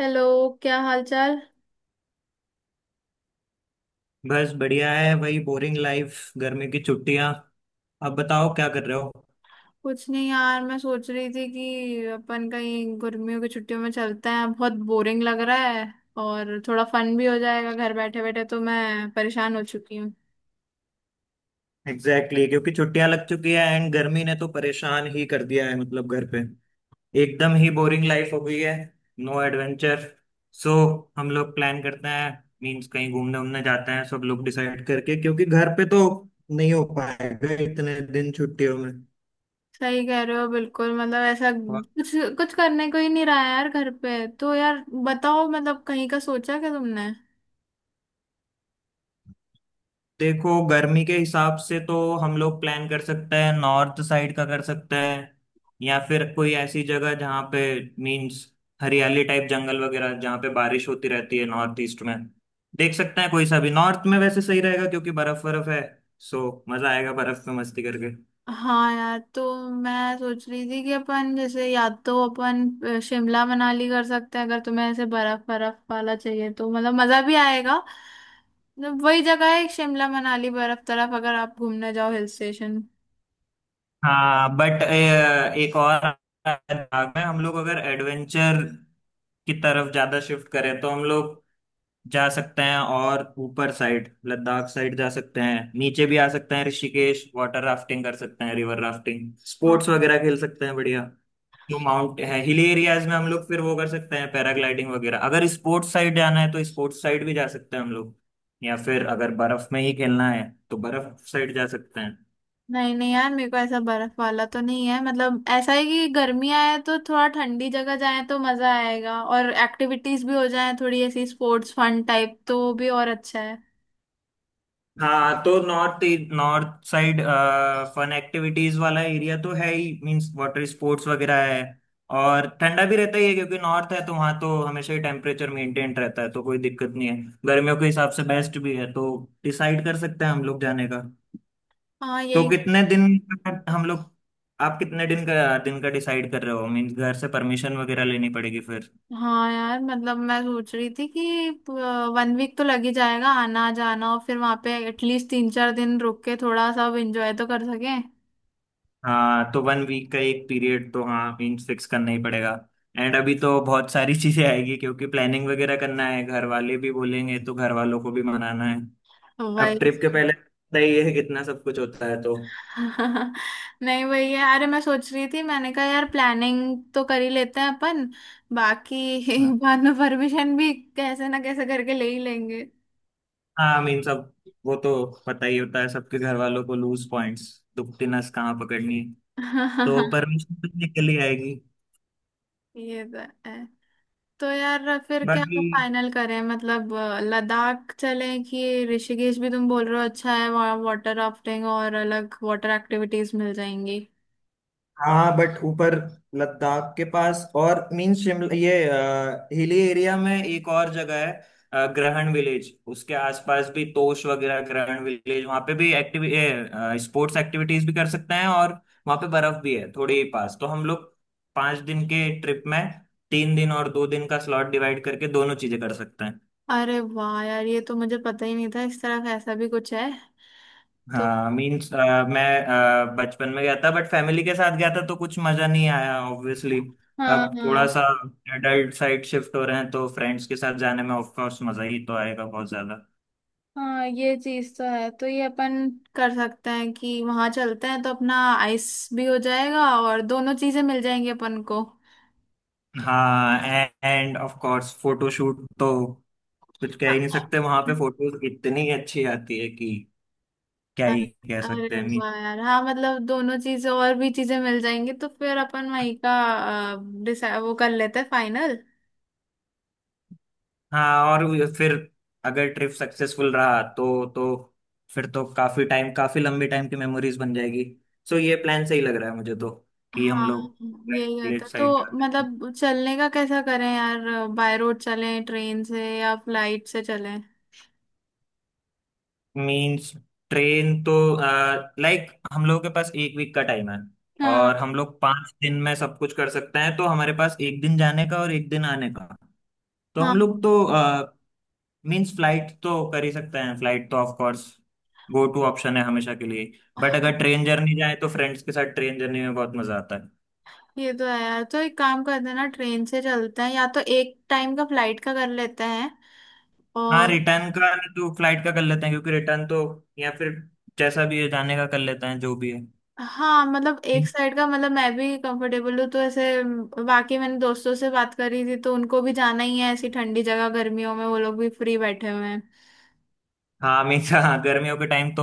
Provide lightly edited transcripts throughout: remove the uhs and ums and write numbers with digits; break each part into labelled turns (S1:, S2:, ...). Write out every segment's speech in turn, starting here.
S1: Hello. क्या हाल चाल।
S2: बस बढ़िया है, वही बोरिंग लाइफ, गर्मी की छुट्टियां। अब बताओ क्या कर रहे हो।
S1: कुछ नहीं यार, मैं सोच रही थी कि अपन कहीं गर्मियों की छुट्टियों में चलते हैं। बहुत बोरिंग लग रहा है और थोड़ा फन भी हो जाएगा। घर बैठे बैठे तो मैं परेशान हो चुकी हूँ।
S2: एग्जैक्टली, क्योंकि छुट्टियां लग चुकी है एंड गर्मी ने तो परेशान ही कर दिया है, मतलब घर पे एकदम ही बोरिंग लाइफ हो गई है। No adventure. सो हम लोग प्लान करते हैं। मीन्स कहीं घूमने उमने जाते हैं, सब लोग डिसाइड करके, क्योंकि घर पे तो नहीं हो पाएगा इतने दिन छुट्टियों में।
S1: सही कह रहे हो, बिल्कुल। मतलब ऐसा कुछ, कुछ करने को ही नहीं रहा है यार घर पे तो। यार बताओ, मतलब कहीं का सोचा क्या तुमने?
S2: देखो, गर्मी के हिसाब से तो हम लोग प्लान कर सकते हैं, नॉर्थ साइड का कर सकते हैं, या फिर कोई ऐसी जगह जहाँ पे मीन्स हरियाली टाइप जंगल वगैरह, जहाँ पे बारिश होती रहती है, नॉर्थ ईस्ट में देख सकते हैं। कोई सा भी नॉर्थ में वैसे सही रहेगा क्योंकि बर्फ बर्फ है। सो मजा आएगा बर्फ में मस्ती करके।
S1: हाँ यार। तो मैं सोच रही थी कि अपन जैसे, या तो अपन शिमला मनाली कर सकते हैं। अगर तुम्हें ऐसे बर्फ बर्फ वाला चाहिए तो मतलब मजा भी आएगा। मतलब वही जगह है शिमला मनाली, बर्फ तरफ अगर आप घूमने जाओ हिल स्टेशन।
S2: हाँ, बट एक और भाग में हम लोग अगर एडवेंचर की तरफ ज्यादा शिफ्ट करें तो हम लोग जा सकते हैं, और ऊपर साइड लद्दाख साइड जा सकते हैं, नीचे भी आ सकते हैं, ऋषिकेश वाटर राफ्टिंग कर सकते हैं, रिवर राफ्टिंग स्पोर्ट्स
S1: हाँ।
S2: वगैरह खेल सकते हैं, बढ़िया। जो माउंट है हिली एरियाज में, हम लोग फिर वो कर सकते हैं, पैराग्लाइडिंग वगैरह। अगर स्पोर्ट्स साइड जाना है तो स्पोर्ट्स साइड भी जा सकते हैं हम लोग, या फिर अगर बर्फ में ही खेलना है तो बर्फ साइड जा सकते हैं।
S1: नहीं नहीं यार, मेरे को ऐसा बर्फ वाला तो नहीं है। मतलब ऐसा है कि गर्मी आए तो थोड़ा ठंडी जगह जाए तो मजा आएगा, और एक्टिविटीज भी हो जाए थोड़ी ऐसी स्पोर्ट्स फन टाइप तो वो भी और अच्छा है।
S2: हाँ तो north north side fun activities वाला एरिया तो है ही, मींस वाटर स्पोर्ट्स वगैरह है। और ठंडा भी रहता ही है क्योंकि नॉर्थ है, तो वहाँ तो हमेशा ही टेम्परेचर मेंटेन रहता है, तो कोई दिक्कत नहीं है। गर्मियों के हिसाब से बेस्ट भी है, तो डिसाइड कर सकते हैं हम लोग जाने का।
S1: हाँ,
S2: तो
S1: यही।
S2: कितने दिन का हम लोग, आप कितने दिन का डिसाइड कर रहे हो? मीन्स घर से परमिशन वगैरह लेनी पड़ेगी फिर।
S1: हाँ यार, मतलब मैं सोच रही थी कि वन वीक तो लग ही जाएगा आना जाना, और फिर वहां पे एटलीस्ट 3-4 दिन रुक के थोड़ा सब एंजॉय तो कर सकें।
S2: हाँ तो 1 वीक का एक पीरियड तो हाँ मीन्स फिक्स करना ही पड़ेगा। एंड अभी तो बहुत सारी चीजें आएगी क्योंकि प्लानिंग वगैरह करना है, घर वाले भी बोलेंगे, तो घर वालों को भी मनाना है। अब
S1: वही।
S2: ट्रिप के पहले पता ही है कितना सब कुछ होता है, तो
S1: नहीं वही है। अरे मैं सोच रही थी, मैंने कहा यार प्लानिंग तो कर ही लेते हैं अपन, बाकी
S2: हाँ।
S1: बाद में परमिशन भी कैसे ना कैसे करके ले ही लेंगे।
S2: हाँ मीन्स अब वो तो पता ही होता है सबके घर वालों को, लूज पॉइंट्स, दुखती नस कहाँ पकड़नी, तो परमिशन तो निकल ही आएगी।
S1: ये तो है। तो यार फिर क्या
S2: बाकी
S1: फाइनल करें मतलब? लद्दाख चलें कि ऋषिकेश? भी तुम बोल रहे हो अच्छा है वहाँ वाटर राफ्टिंग और अलग वाटर एक्टिविटीज मिल जाएंगी।
S2: हाँ, बट ऊपर लद्दाख के पास और मीन शिमला, ये हिली एरिया में एक और जगह है, ग्रहण विलेज, उसके आसपास भी तोश वगैरह, ग्रहण विलेज, वहाँ पे भी एक्टिविटी, स्पोर्ट्स एक्टिविटीज भी कर सकते हैं, और वहाँ पे बर्फ भी है थोड़े ही पास, तो हम लोग 5 दिन के ट्रिप में 3 दिन और 2 दिन का स्लॉट डिवाइड करके दोनों चीजें कर सकते हैं।
S1: अरे वाह यार, ये तो मुझे पता ही नहीं था इस तरफ ऐसा भी कुछ है। तो
S2: हाँ मीन्स मैं बचपन में गया था, बट फैमिली के साथ गया था तो कुछ मजा नहीं आया ऑब्वियसली।
S1: हाँ
S2: अब थोड़ा
S1: हाँ।
S2: सा एडल्ट साइड शिफ्ट हो रहे हैं तो फ्रेंड्स के साथ जाने में ऑफ कोर्स मजा ही तो आएगा बहुत ज्यादा।
S1: हाँ ये चीज तो है। तो ये अपन कर सकते हैं कि वहां चलते हैं तो अपना आइस भी हो जाएगा और दोनों चीजें मिल जाएंगी अपन को।
S2: हाँ, एंड ऑफ कोर्स फोटोशूट तो कुछ कह ही नहीं
S1: हाँ।
S2: सकते, वहां पे फोटोज इतनी अच्छी आती है कि क्या ही
S1: अरे
S2: कह
S1: अरे
S2: सकते हैं।
S1: वाह यार हाँ, मतलब दोनों चीजें और भी चीजें मिल जाएंगी, तो फिर अपन वही का वो कर लेते हैं फाइनल।
S2: हाँ, और फिर अगर ट्रिप सक्सेसफुल रहा तो फिर तो काफी टाइम, काफी लंबी टाइम की मेमोरीज बन जाएगी। सो ये प्लान सही लग रहा है मुझे तो, कि हम
S1: हाँ
S2: लोग
S1: यही
S2: लेट
S1: होता तो।
S2: साइड जाते हैं।
S1: मतलब चलने का कैसा करें यार? बाय रोड चलें, ट्रेन से या फ्लाइट से चलें?
S2: मीन्स ट्रेन तो, लाइक हम लोगों के पास 1 वीक का टाइम है
S1: हाँ
S2: और हम लोग पांच दिन में सब कुछ कर सकते हैं, तो हमारे पास 1 दिन जाने का और 1 दिन आने का, तो हम
S1: हाँ।
S2: लोग तो मीन्स फ्लाइट तो कर ही सकते हैं। फ्लाइट तो of course go to option है हमेशा के लिए, बट अगर ट्रेन जर्नी जाए तो फ्रेंड्स के साथ ट्रेन जर्नी में बहुत मजा आता है।
S1: ये तो है यार। तो एक काम करते हैं ना, ट्रेन से चलते हैं, या तो एक टाइम का फ्लाइट का कर लेते हैं
S2: हाँ,
S1: और।
S2: रिटर्न का नहीं तो फ्लाइट का कर लेते हैं, क्योंकि रिटर्न तो, या फिर जैसा भी है जाने का कर लेते हैं, जो भी है।
S1: हाँ मतलब एक साइड का, मतलब मैं भी कंफर्टेबल हूँ, तो ऐसे बाकी मैंने दोस्तों से बात करी थी तो उनको भी जाना ही है, ऐसी ठंडी जगह गर्मियों में, वो लोग भी फ्री बैठे हुए हैं।
S2: हाँ, हमेशा हाँ, गर्मियों के टाइम तो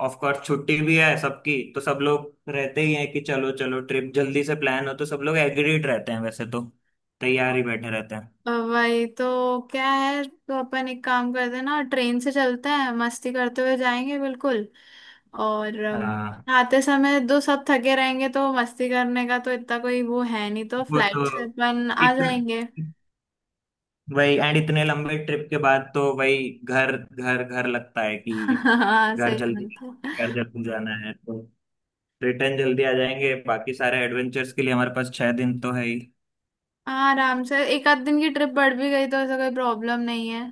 S2: ऑफ कोर्स छुट्टी भी है सबकी, तो सब लोग रहते ही हैं कि चलो चलो ट्रिप जल्दी से प्लान हो, तो सब लोग एग्रीड रहते हैं वैसे तो, तैयार ही बैठे रहते हैं।
S1: वही तो क्या है। तो अपन एक काम करते हैं ना, ट्रेन से चलते हैं, मस्ती करते हुए जाएंगे बिल्कुल। और
S2: हाँ
S1: आते समय दो सब थके रहेंगे तो मस्ती करने का तो इतना कोई वो है नहीं, तो
S2: वो तो,
S1: फ्लाइट से अपन आ
S2: इतने,
S1: जाएंगे।
S2: वही एंड इतने लंबे ट्रिप के बाद तो वही घर घर घर लगता है कि
S1: हाँ
S2: घर
S1: सही
S2: जल्दी,
S1: बात है।
S2: घर जल्दी जाना है, तो रिटर्न जल्दी आ जाएंगे। बाकी सारे एडवेंचर्स के लिए हमारे पास 6 दिन तो है ही।
S1: हाँ आराम से, एक आध दिन की ट्रिप बढ़ भी गई तो ऐसा कोई प्रॉब्लम नहीं है।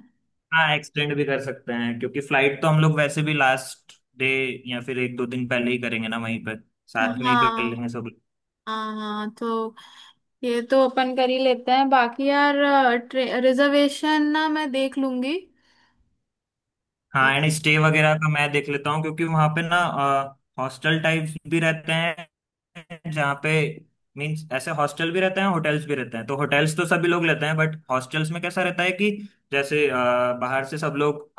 S2: हाँ एक्सटेंड भी कर सकते हैं, क्योंकि फ्लाइट तो हम लोग वैसे भी लास्ट डे या फिर 1 2 दिन पहले ही करेंगे ना, वहीं पर
S1: हाँ
S2: साथ में ही कर
S1: हाँ
S2: लेंगे सब।
S1: हाँ। तो ये तो अपन कर ही लेते हैं, बाकी यार रिजर्वेशन ना मैं देख लूंगी। अ,
S2: हाँ एंड स्टे वगैरह का मैं देख लेता हूँ, क्योंकि वहां पे ना हॉस्टल टाइप्स भी रहते हैं, जहाँ पे मीन्स ऐसे हॉस्टल भी रहते हैं, होटल्स भी रहते हैं। तो होटल्स तो सभी लोग लेते हैं, बट हॉस्टल्स में कैसा रहता है कि जैसे बाहर से सब लोग,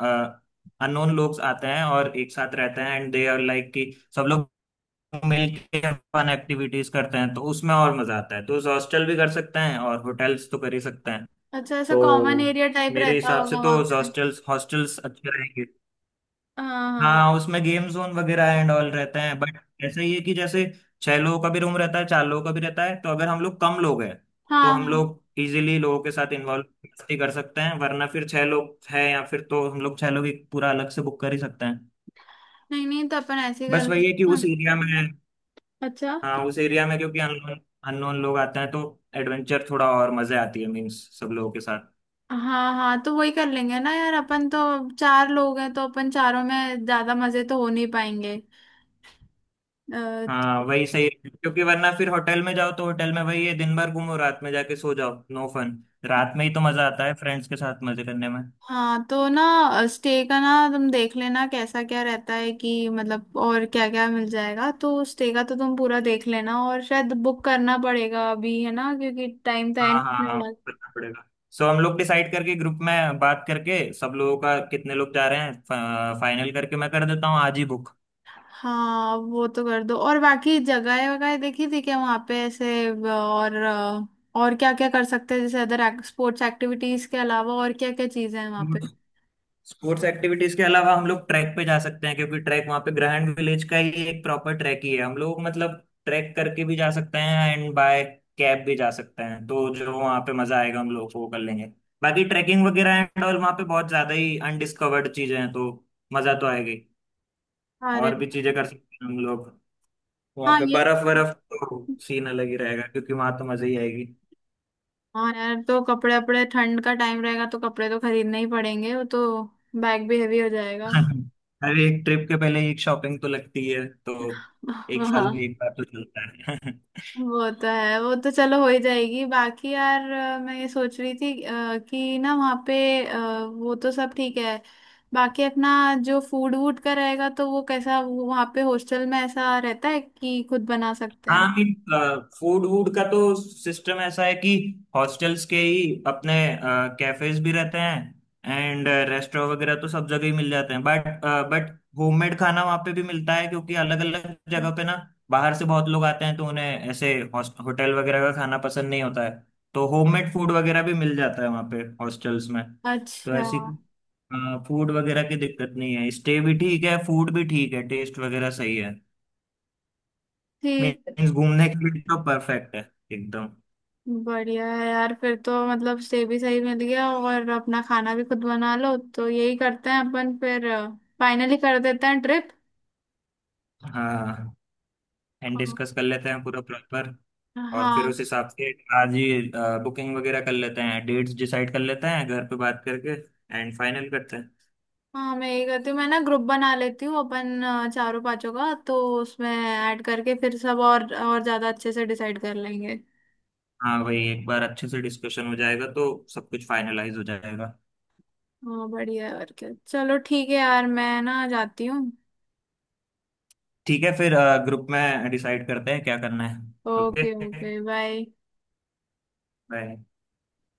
S2: अननोन लोग आते हैं और एक साथ रहते हैं एंड दे आर लाइक कि सब लोग मिलके फन एक्टिविटीज करते हैं, तो उसमें और मजा आता है। तो हॉस्टल भी कर सकते हैं और होटल्स तो कर ही सकते हैं।
S1: अच्छा, ऐसा
S2: तो
S1: कॉमन एरिया टाइप
S2: मेरे
S1: रहता
S2: हिसाब से
S1: होगा
S2: तो
S1: वहां पे?
S2: हॉस्टल्स हॉस्टल्स अच्छे रहेंगे।
S1: हाँ हाँ
S2: हाँ उसमें गेम जोन वगैरह एंड ऑल रहते हैं, बट ऐसा ही है कि जैसे 6 लोगों का भी रूम रहता है, 4 लोगों का भी रहता है। तो अगर हम लोग कम लोग हैं तो
S1: हाँ
S2: हम
S1: हाँ।
S2: लोग इजीली लोगों के साथ इन्वॉल्व मस्ती कर सकते हैं, वरना फिर 6 लोग है, या फिर तो हम लोग 6 लोग ही पूरा अलग से बुक कर ही सकते हैं।
S1: नहीं नहीं तो अपन ऐसे ही कर
S2: बस
S1: लेंगे।
S2: वही है कि
S1: हाँ
S2: उस एरिया में,
S1: अच्छा।
S2: हाँ उस एरिया में क्योंकि अननोन अननोन लोग आते हैं, तो एडवेंचर थोड़ा और मजे आती है, मीन्स सब लोगों के साथ।
S1: हाँ हाँ, तो वही कर लेंगे ना यार, अपन तो चार लोग हैं, तो अपन चारों में ज्यादा मजे तो हो नहीं पाएंगे।
S2: हाँ वही सही है, क्योंकि वरना फिर होटल में जाओ तो होटल में वही है, दिन भर घूमो, रात में जाके सो जाओ, नो फन। रात में ही तो मजा आता है फ्रेंड्स के साथ मजे करने में।
S1: हाँ तो ना, स्टे का ना तुम देख लेना कैसा क्या रहता है कि, मतलब और क्या क्या मिल जाएगा, तो स्टे का तो तुम पूरा देख लेना और शायद बुक करना पड़ेगा अभी, है ना, क्योंकि टाइम तो है
S2: हाँ,
S1: नहीं
S2: हाँ,
S1: अपने
S2: हाँ,
S1: पास।
S2: करना पड़ेगा। सो हम लोग डिसाइड करके, ग्रुप में बात करके, सब लोगों का कितने लोग जा रहे हैं फाइनल करके, मैं कर देता हूँ आज ही बुक।
S1: हाँ वो तो कर दो, और बाकी जगह वगैरह देखी थी क्या वहाँ पे ऐसे और और क्या क्या कर सकते हैं जैसे अदर स्पोर्ट्स एक्टिविटीज के अलावा और क्या क्या चीजें हैं वहाँ पे?
S2: स्पोर्ट्स एक्टिविटीज के अलावा हम लोग ट्रैक पे जा सकते हैं, क्योंकि ट्रैक वहाँ पे ग्रैंड विलेज का ही एक प्रॉपर ट्रैक ही है। हम लोग मतलब ट्रैक करके भी जा सकते हैं एंड बाय कैब भी जा सकते हैं। तो जो वहाँ पे मजा आएगा हम लोग वो कर लेंगे। बाकी ट्रैकिंग वगैरह एंड और वहाँ पे बहुत ज्यादा ही अनडिस्कवर्ड चीजें हैं, तो मजा तो आएगी,
S1: अरे
S2: और भी चीजें कर सकते हैं हम लोग। वहाँ
S1: हाँ
S2: पे
S1: ये।
S2: बर्फ बर्फ तो सीन अलग ही रहेगा, क्योंकि वहां तो मजा ही आएगी।
S1: हाँ यार तो कपड़े अपड़े, ठंड का टाइम रहेगा तो कपड़े तो खरीदने ही पड़ेंगे वो तो। बैग भी हेवी हो जाएगा।
S2: हर एक ट्रिप के पहले एक शॉपिंग तो लगती है, तो 1 साल
S1: हाँ
S2: में 1 बार तो चलता है।
S1: वो तो है, वो तो चलो हो ही जाएगी। बाकी यार मैं ये सोच रही थी कि ना वहाँ पे अ, वो तो सब ठीक है। बाकी अपना जो फूड वूड का रहेगा तो वो कैसा, वो वहाँ पे हॉस्टल में ऐसा रहता है कि खुद बना सकते
S2: हाँ
S1: हैं?
S2: मीन फूड वूड का तो सिस्टम ऐसा है कि हॉस्टल्स के ही अपने कैफेज भी रहते हैं, एंड रेस्टोरेंट वगैरह तो सब जगह ही मिल जाते हैं, बट होममेड खाना वहाँ पे भी मिलता है, क्योंकि अलग अलग जगह पे ना बाहर से बहुत लोग आते हैं, तो उन्हें ऐसे होटल वगैरह का खाना पसंद नहीं होता है, तो होममेड फूड वगैरह भी मिल जाता है वहाँ पे हॉस्टल्स में। तो
S1: अच्छा।
S2: ऐसी फूड वगैरह की दिक्कत नहीं है, स्टे भी ठीक है, फूड भी ठीक है, टेस्ट वगैरह सही है,
S1: ठीक।
S2: मीन्स घूमने के लिए तो परफेक्ट है एकदम।
S1: बढ़िया है यार, फिर तो मतलब स्टे भी सही मिल गया और अपना खाना भी खुद बना लो, तो यही करते हैं अपन फिर। फाइनली कर देते हैं ट्रिप।
S2: हाँ एंड
S1: हाँ
S2: डिस्कस कर लेते हैं पूरा प्रॉपर, और फिर
S1: हाँ।
S2: उस हिसाब से आज ही बुकिंग वगैरह कर लेते हैं, डेट्स डिसाइड कर लेते हैं घर पे बात करके, एंड फाइनल करते हैं।
S1: हाँ मैं यही करती हूँ, मैं ना ग्रुप बना लेती हूँ अपन चारों पांचों का, तो उसमें ऐड करके फिर सब और ज्यादा अच्छे से डिसाइड कर लेंगे।
S2: हाँ वही, एक बार अच्छे से डिस्कशन हो जाएगा तो सब कुछ फाइनलाइज हो जाएगा।
S1: हाँ बढ़िया है और क्या, चलो ठीक है यार, मैं ना जाती हूँ।
S2: ठीक है फिर, ग्रुप में डिसाइड करते हैं क्या करना है।
S1: Okay
S2: okay,
S1: okay bye.
S2: Bye.